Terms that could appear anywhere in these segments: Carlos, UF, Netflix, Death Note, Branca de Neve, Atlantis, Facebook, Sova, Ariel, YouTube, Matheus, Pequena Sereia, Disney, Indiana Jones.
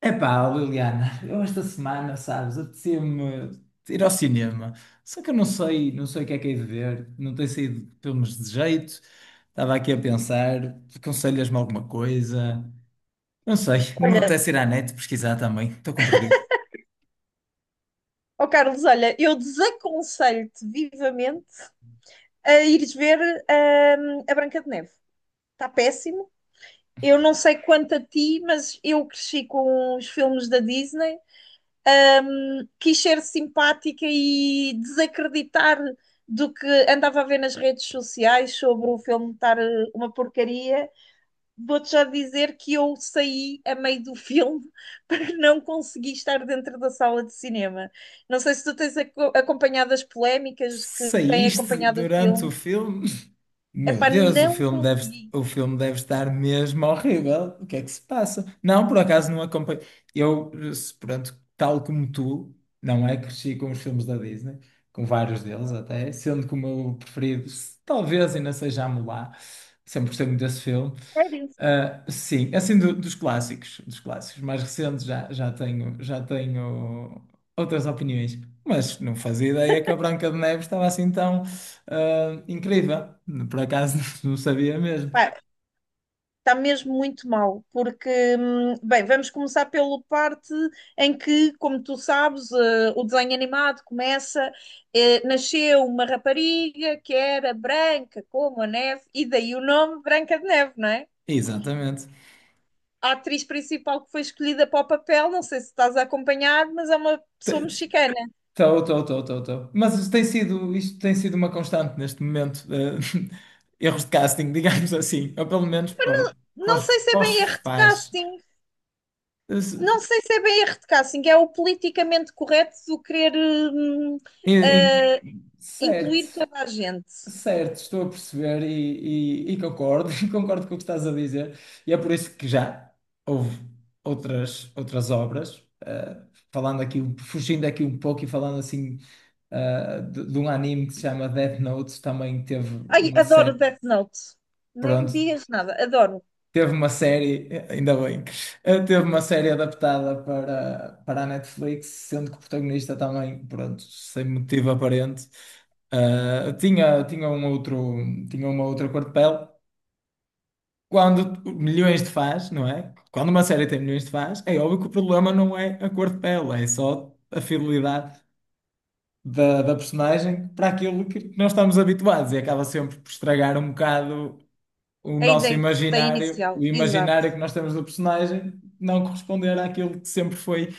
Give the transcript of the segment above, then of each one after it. Epá, Liliana, eu esta semana, sabes, apetecia-me ir ao cinema. Só que eu não sei, não sei o que é que hei de ver, não tenho saído filmes de jeito. Estava aqui a pensar, aconselhas-me alguma coisa? Não sei, não me Olha, apetece ir à net pesquisar também, estou com preguiça. ó Carlos, olha, eu desaconselho-te vivamente a ires ver a Branca de Neve. Está péssimo. Eu não sei quanto a ti, mas eu cresci com os filmes da Disney, quis ser simpática e desacreditar do que andava a ver nas redes sociais sobre o filme estar uma porcaria. Vou-te já dizer que eu saí a meio do filme para não conseguir estar dentro da sala de cinema. Não sei se tu tens acompanhado as polémicas que têm Saíste acompanhado o durante o filme. filme? Meu Epá, Deus, não consegui. o filme deve estar mesmo horrível. O que é que se passa? Não, por acaso não acompanho. Eu, pronto, tal como tu, não é? Cresci com os filmes da Disney, com vários deles até, sendo que o meu preferido, talvez ainda seja Mulan. Sempre gostei muito desse filme. Sério? Ah, sim, é assim dos clássicos mais recentes já, já tenho outras opiniões, mas não fazia ideia que a Branca de Neve estava assim tão incrível. Por acaso não sabia mesmo. Pá, está mesmo muito mal, porque, bem, vamos começar pela parte em que, como tu sabes, o desenho animado começa, eh, nasceu uma rapariga que era branca como a neve, e daí o nome Branca de Neve, não é? Exatamente. A atriz principal que foi escolhida para o papel, não sei se estás a acompanhar, mas é uma pessoa mexicana. Estou. Mas isto tem sido uma constante neste momento. Erros de casting, digamos assim. Ou pelo menos para, para, Não sei se é para os bem erro de fãs. casting, Eh, se- não sei se é bem erro de casting, é o politicamente correto do querer em- em- incluir Certo. toda a gente. Certo, estou a perceber e e concordo, concordo com o que estás a dizer. E é por isso que já houve outras, outras obras, falando aqui, fugindo aqui um pouco e falando assim, de um anime que se chama Death Note, também teve Ai, uma adoro série, Death Note, nem me pronto, digas nada, adoro teve uma série, ainda bem, teve uma série adaptada para, para a Netflix, sendo que o protagonista também, pronto, sem motivo aparente, tinha tinha uma outra cor de pele. Quando milhões de fãs, não é? Quando uma série tem milhões de fãs, é óbvio que o problema não é a cor de pele, é só a fidelidade da, da personagem para aquilo que nós estamos habituados e acaba sempre por estragar um bocado o a nosso ideia que se tem imaginário, o inicial, exato. imaginário que nós temos do personagem, não corresponder àquilo que sempre foi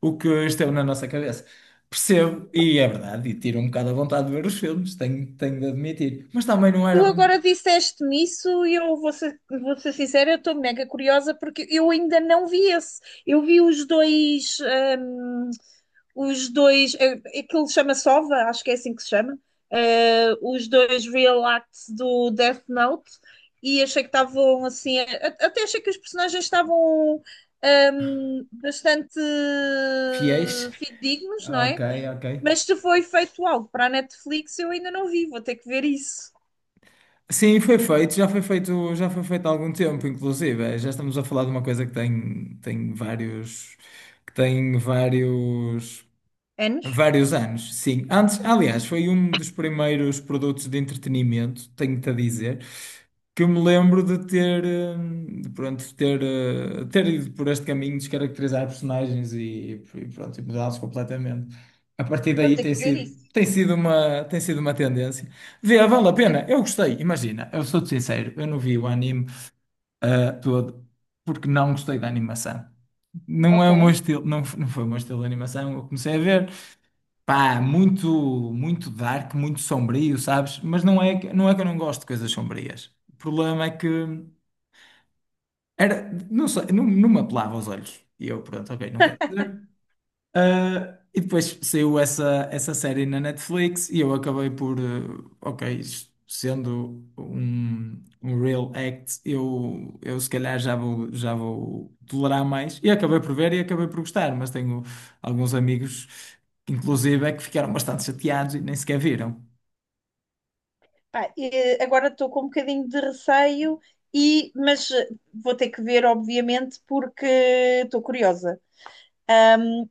o que esteve na nossa cabeça. Percebo, e é verdade, e tiro um bocado a vontade de ver os filmes, tenho, tenho de admitir. Mas também não Tu era agora disseste-me isso e eu vou ser sincera, eu estou mega curiosa porque eu ainda não vi esse. Eu vi hum, os dois, aquilo chama Sova, acho que é assim que se chama, eh, os dois real acts do Death Note e achei que estavam assim, até achei que os personagens estavam bastante fiéis. dignos, não Ok, é? ok. Mas se foi feito algo para a Netflix, eu ainda não vi, vou ter que ver isso. Sim, foi feito, já foi feito, já foi feito há algum tempo, inclusive. Já estamos a falar de uma coisa que tem, tem vários, que tem vários Anos? vários anos, sim. Antes, aliás, foi um dos primeiros produtos de entretenimento, tenho-te a dizer, que eu me lembro de ter, de, pronto, de ter, ter ido por este caminho, de descaracterizar personagens e pronto, e mudá-los completamente. A partir Vou daí ter que ver isso. Tem sido uma tendência. Vê, vale a pena, eu gostei, imagina, eu sou-te sincero, eu não vi o anime, todo, porque não gostei da animação. Não é Ok. o meu estilo, não, não foi o meu estilo de animação, eu comecei a ver. Pá, muito, muito dark, muito sombrio, sabes? Mas não é, não é que eu não gosto de coisas sombrias. O problema é que era, não sei, não, me apelava aos olhos. E eu, pronto, ok, não quero ver. Ah, e depois saiu essa, essa série na Netflix e eu acabei por, ok, isto sendo um, um real act, eu se calhar já vou tolerar mais. E acabei por ver e acabei por gostar, mas tenho alguns amigos, inclusive, é que ficaram bastante chateados e nem sequer viram. Pá, agora estou com um bocadinho de receio, e, mas vou ter que ver, obviamente, porque estou curiosa.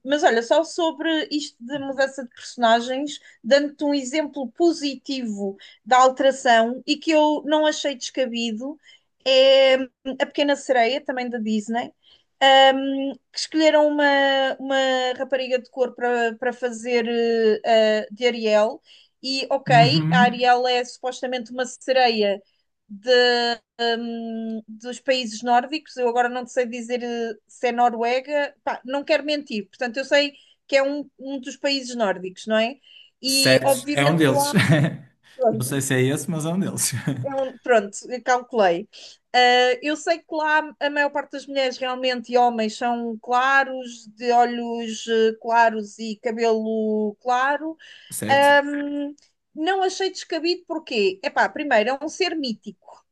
Mas olha, só sobre isto de mudança de personagens, dando-te um exemplo positivo da alteração e que eu não achei descabido, é a Pequena Sereia, também da Disney, um, que escolheram uma rapariga de cor para para fazer de Ariel. E ok, a Uhum. Ariel é supostamente uma sereia de dos países nórdicos. Eu agora não te sei dizer se é Noruega, pá, não quero mentir. Portanto, eu sei que é um dos países nórdicos, não é? E Certo, é um obviamente deles. lá, Não sei pronto, se é esse, mas é um deles. Pronto, eu calculei. Ah, eu sei que lá a maior parte das mulheres realmente e homens são claros, de olhos claros e cabelo claro. Certo. Ahm, não achei descabido porque, epá, primeiro, é um ser mítico.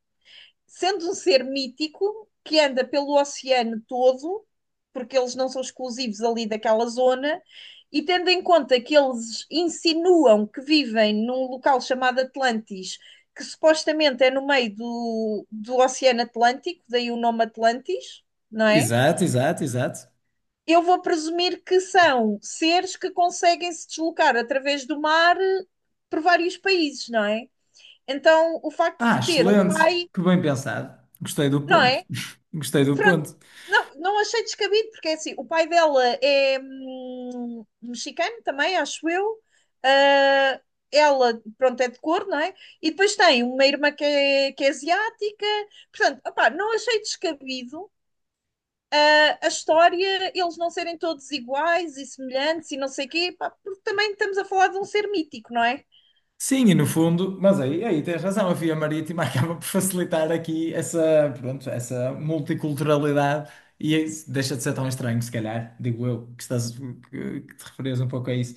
Sendo um ser mítico que anda pelo oceano todo, porque eles não são exclusivos ali daquela zona, e tendo em conta que eles insinuam que vivem num local chamado Atlantis, que supostamente é no meio do, do Oceano Atlântico, daí o nome Atlantis, não é? Exato, exato, exato. Eu vou presumir que são seres que conseguem se deslocar através do mar por vários países, não é? Então, o facto de Ah, ter um excelente! pai, Que bem pensado. Gostei do não ponto. é? Gostei do Pronto, ponto. não, não achei descabido, porque é assim, o pai dela é mexicano também, acho eu. Ah, ela, pronto, é de cor, não é? E depois tem uma irmã que é asiática. Portanto, opá, não achei descabido a história, eles não serem todos iguais e semelhantes e não sei o quê, pá, porque também estamos a falar de um ser mítico, não é? Sim, e no fundo, mas aí, aí tens razão, a via marítima acaba por facilitar aqui essa, pronto, essa multiculturalidade e é isso deixa de ser tão estranho, se calhar, digo eu, que estás, que te referias um pouco a isso.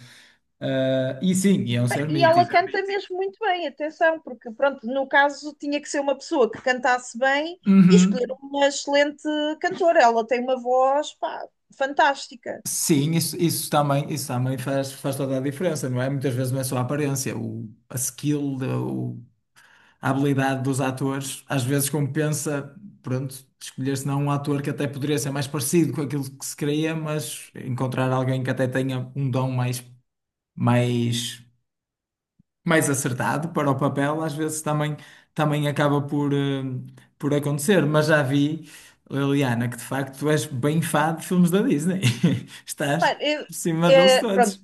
Ah, e sim, e é um ser E ela mítico. canta mesmo muito bem, atenção, porque pronto, no caso tinha que ser uma pessoa que cantasse bem e escolher Uhum. uma excelente cantora. Ela tem uma voz, pá, fantástica. Sim, isso, isso também faz, faz toda a diferença, não é? Muitas vezes não é só a aparência, o, a skill, a habilidade dos atores, às vezes compensa, pronto, escolher se não um ator que até poderia ser mais parecido com aquilo que se queria, mas encontrar alguém que até tenha um dom mais, mais, mais acertado para o papel, às vezes também, também acaba por, por acontecer. Mas já vi, Liliana, que de facto tu és bem fã de filmes da Disney. Estás Pá, por cima deles é, pronto, todos.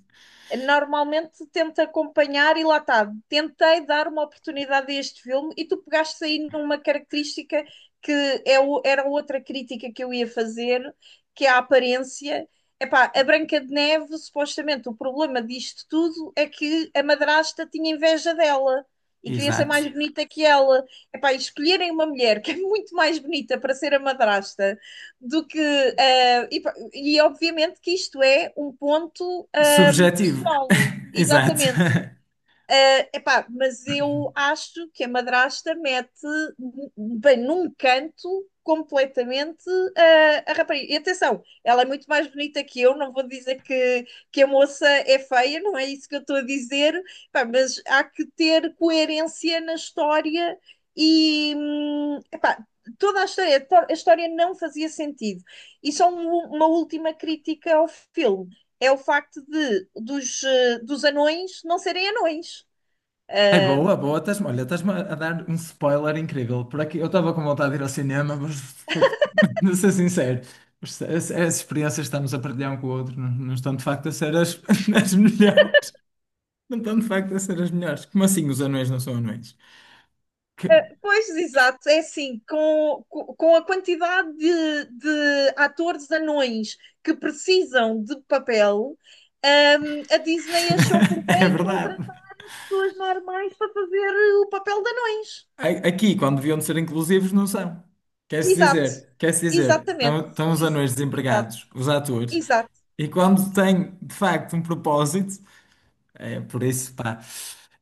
normalmente tento acompanhar e lá está, tentei dar uma oportunidade a este filme e tu pegaste aí numa característica que é era outra crítica que eu ia fazer, que é a aparência. Epá, a Branca de Neve, supostamente, o problema disto tudo é que a madrasta tinha inveja dela e queria ser Exato. mais bonita que ela. Epá, e escolherem uma mulher que é muito mais bonita para ser a madrasta do que. E, pá, e obviamente que isto é um ponto. Eh, Subjetivo. solo. Exato. Exatamente. Epá, mas eu acho que a madrasta mete bem num canto completamente a rapariga. E atenção, ela é muito mais bonita que eu, não vou dizer que a moça é feia, não é isso que eu estou a dizer, epá, mas há que ter coerência na história e epá, toda a história, a história não fazia sentido. E só uma última crítica ao filme é o facto de dos, dos anões não serem anões. Ai, boa, Uh, boa. Estás-me, olha, estás-me a dar um spoiler incrível. Por aqui, eu estava com vontade de ir ao cinema, mas de ser sincero, as experiências que estamos a partilhar um com o outro não, não estão de facto a ser as, as melhores. Não estão de facto a ser as melhores. Como assim os anões não são anões? Que- pois, exato, é assim, com a quantidade de atores anões que precisam de papel, um, a Disney achou por É bem verdade. contratar pessoas normais para fazer o papel de anões. A- Aqui, quando deviam de ser inclusivos, não são. Exato, Quer-se dizer, exatamente, estão, estão os Ex- anões exato, desempregados, os atores, exato. e quando têm de facto um propósito. É, por isso, pá,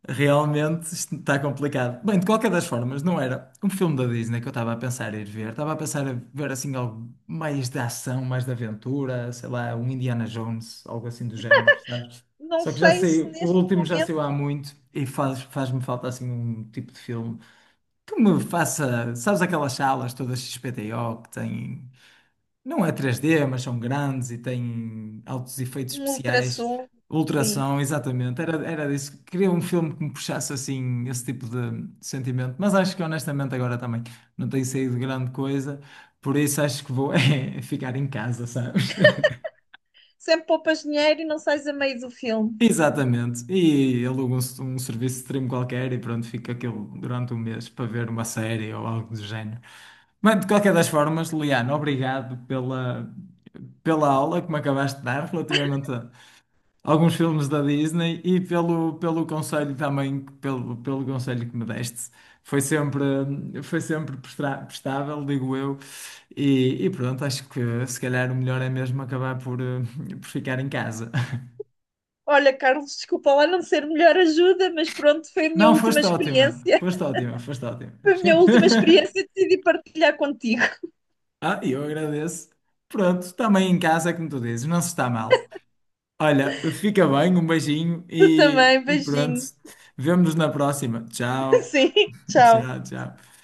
realmente isto está complicado. Bem, de qualquer das formas, não era um filme da Disney que eu estava a pensar ir ver. Estava a pensar em ver assim algo mais de ação, mais de aventura, sei lá, um Indiana Jones, algo assim do género, sabes? Não Só que já sei se sei, o neste último já saiu há momento muito e faz, faz-me falta assim um tipo de filme que me faça, sabes, aquelas salas todas XPTO que têm não é 3D, mas são grandes e têm altos efeitos um especiais. ultrassom, sim. Ultrassom, exatamente. Era, era disso. Queria um filme que me puxasse assim, esse tipo de sentimento. Mas acho que honestamente agora também não tem saído grande coisa. Por isso acho que vou é, ficar em casa, sabe? Sempre poupas dinheiro e não sais a meio do filme. Exatamente. E alugam um, um serviço de stream qualquer e pronto, fica aquilo durante um mês para ver uma série ou algo do género. Mas de qualquer das formas, Liano, obrigado pela, pela aula que me acabaste de dar relativamente a alguns filmes da Disney e pelo, pelo conselho também, pelo, pelo conselho que me deste. Foi sempre, foi sempre prestável, digo eu. E pronto, acho que se calhar o melhor é mesmo acabar por, por ficar em casa. Olha, Carlos, desculpa lá não ser melhor ajuda, mas pronto, foi a minha Não, última foste ótima, experiência. foste ótima, foste ótima. Foi a minha última experiência e decidi partilhar contigo. Ah, e eu agradeço. Pronto, também em casa, como tu dizes, não se está mal. Olha, fica bem, um beijinho Tu também, e pronto. beijinho. Vemo-nos na próxima. Tchau, Sim, tchau, tchau. tchau.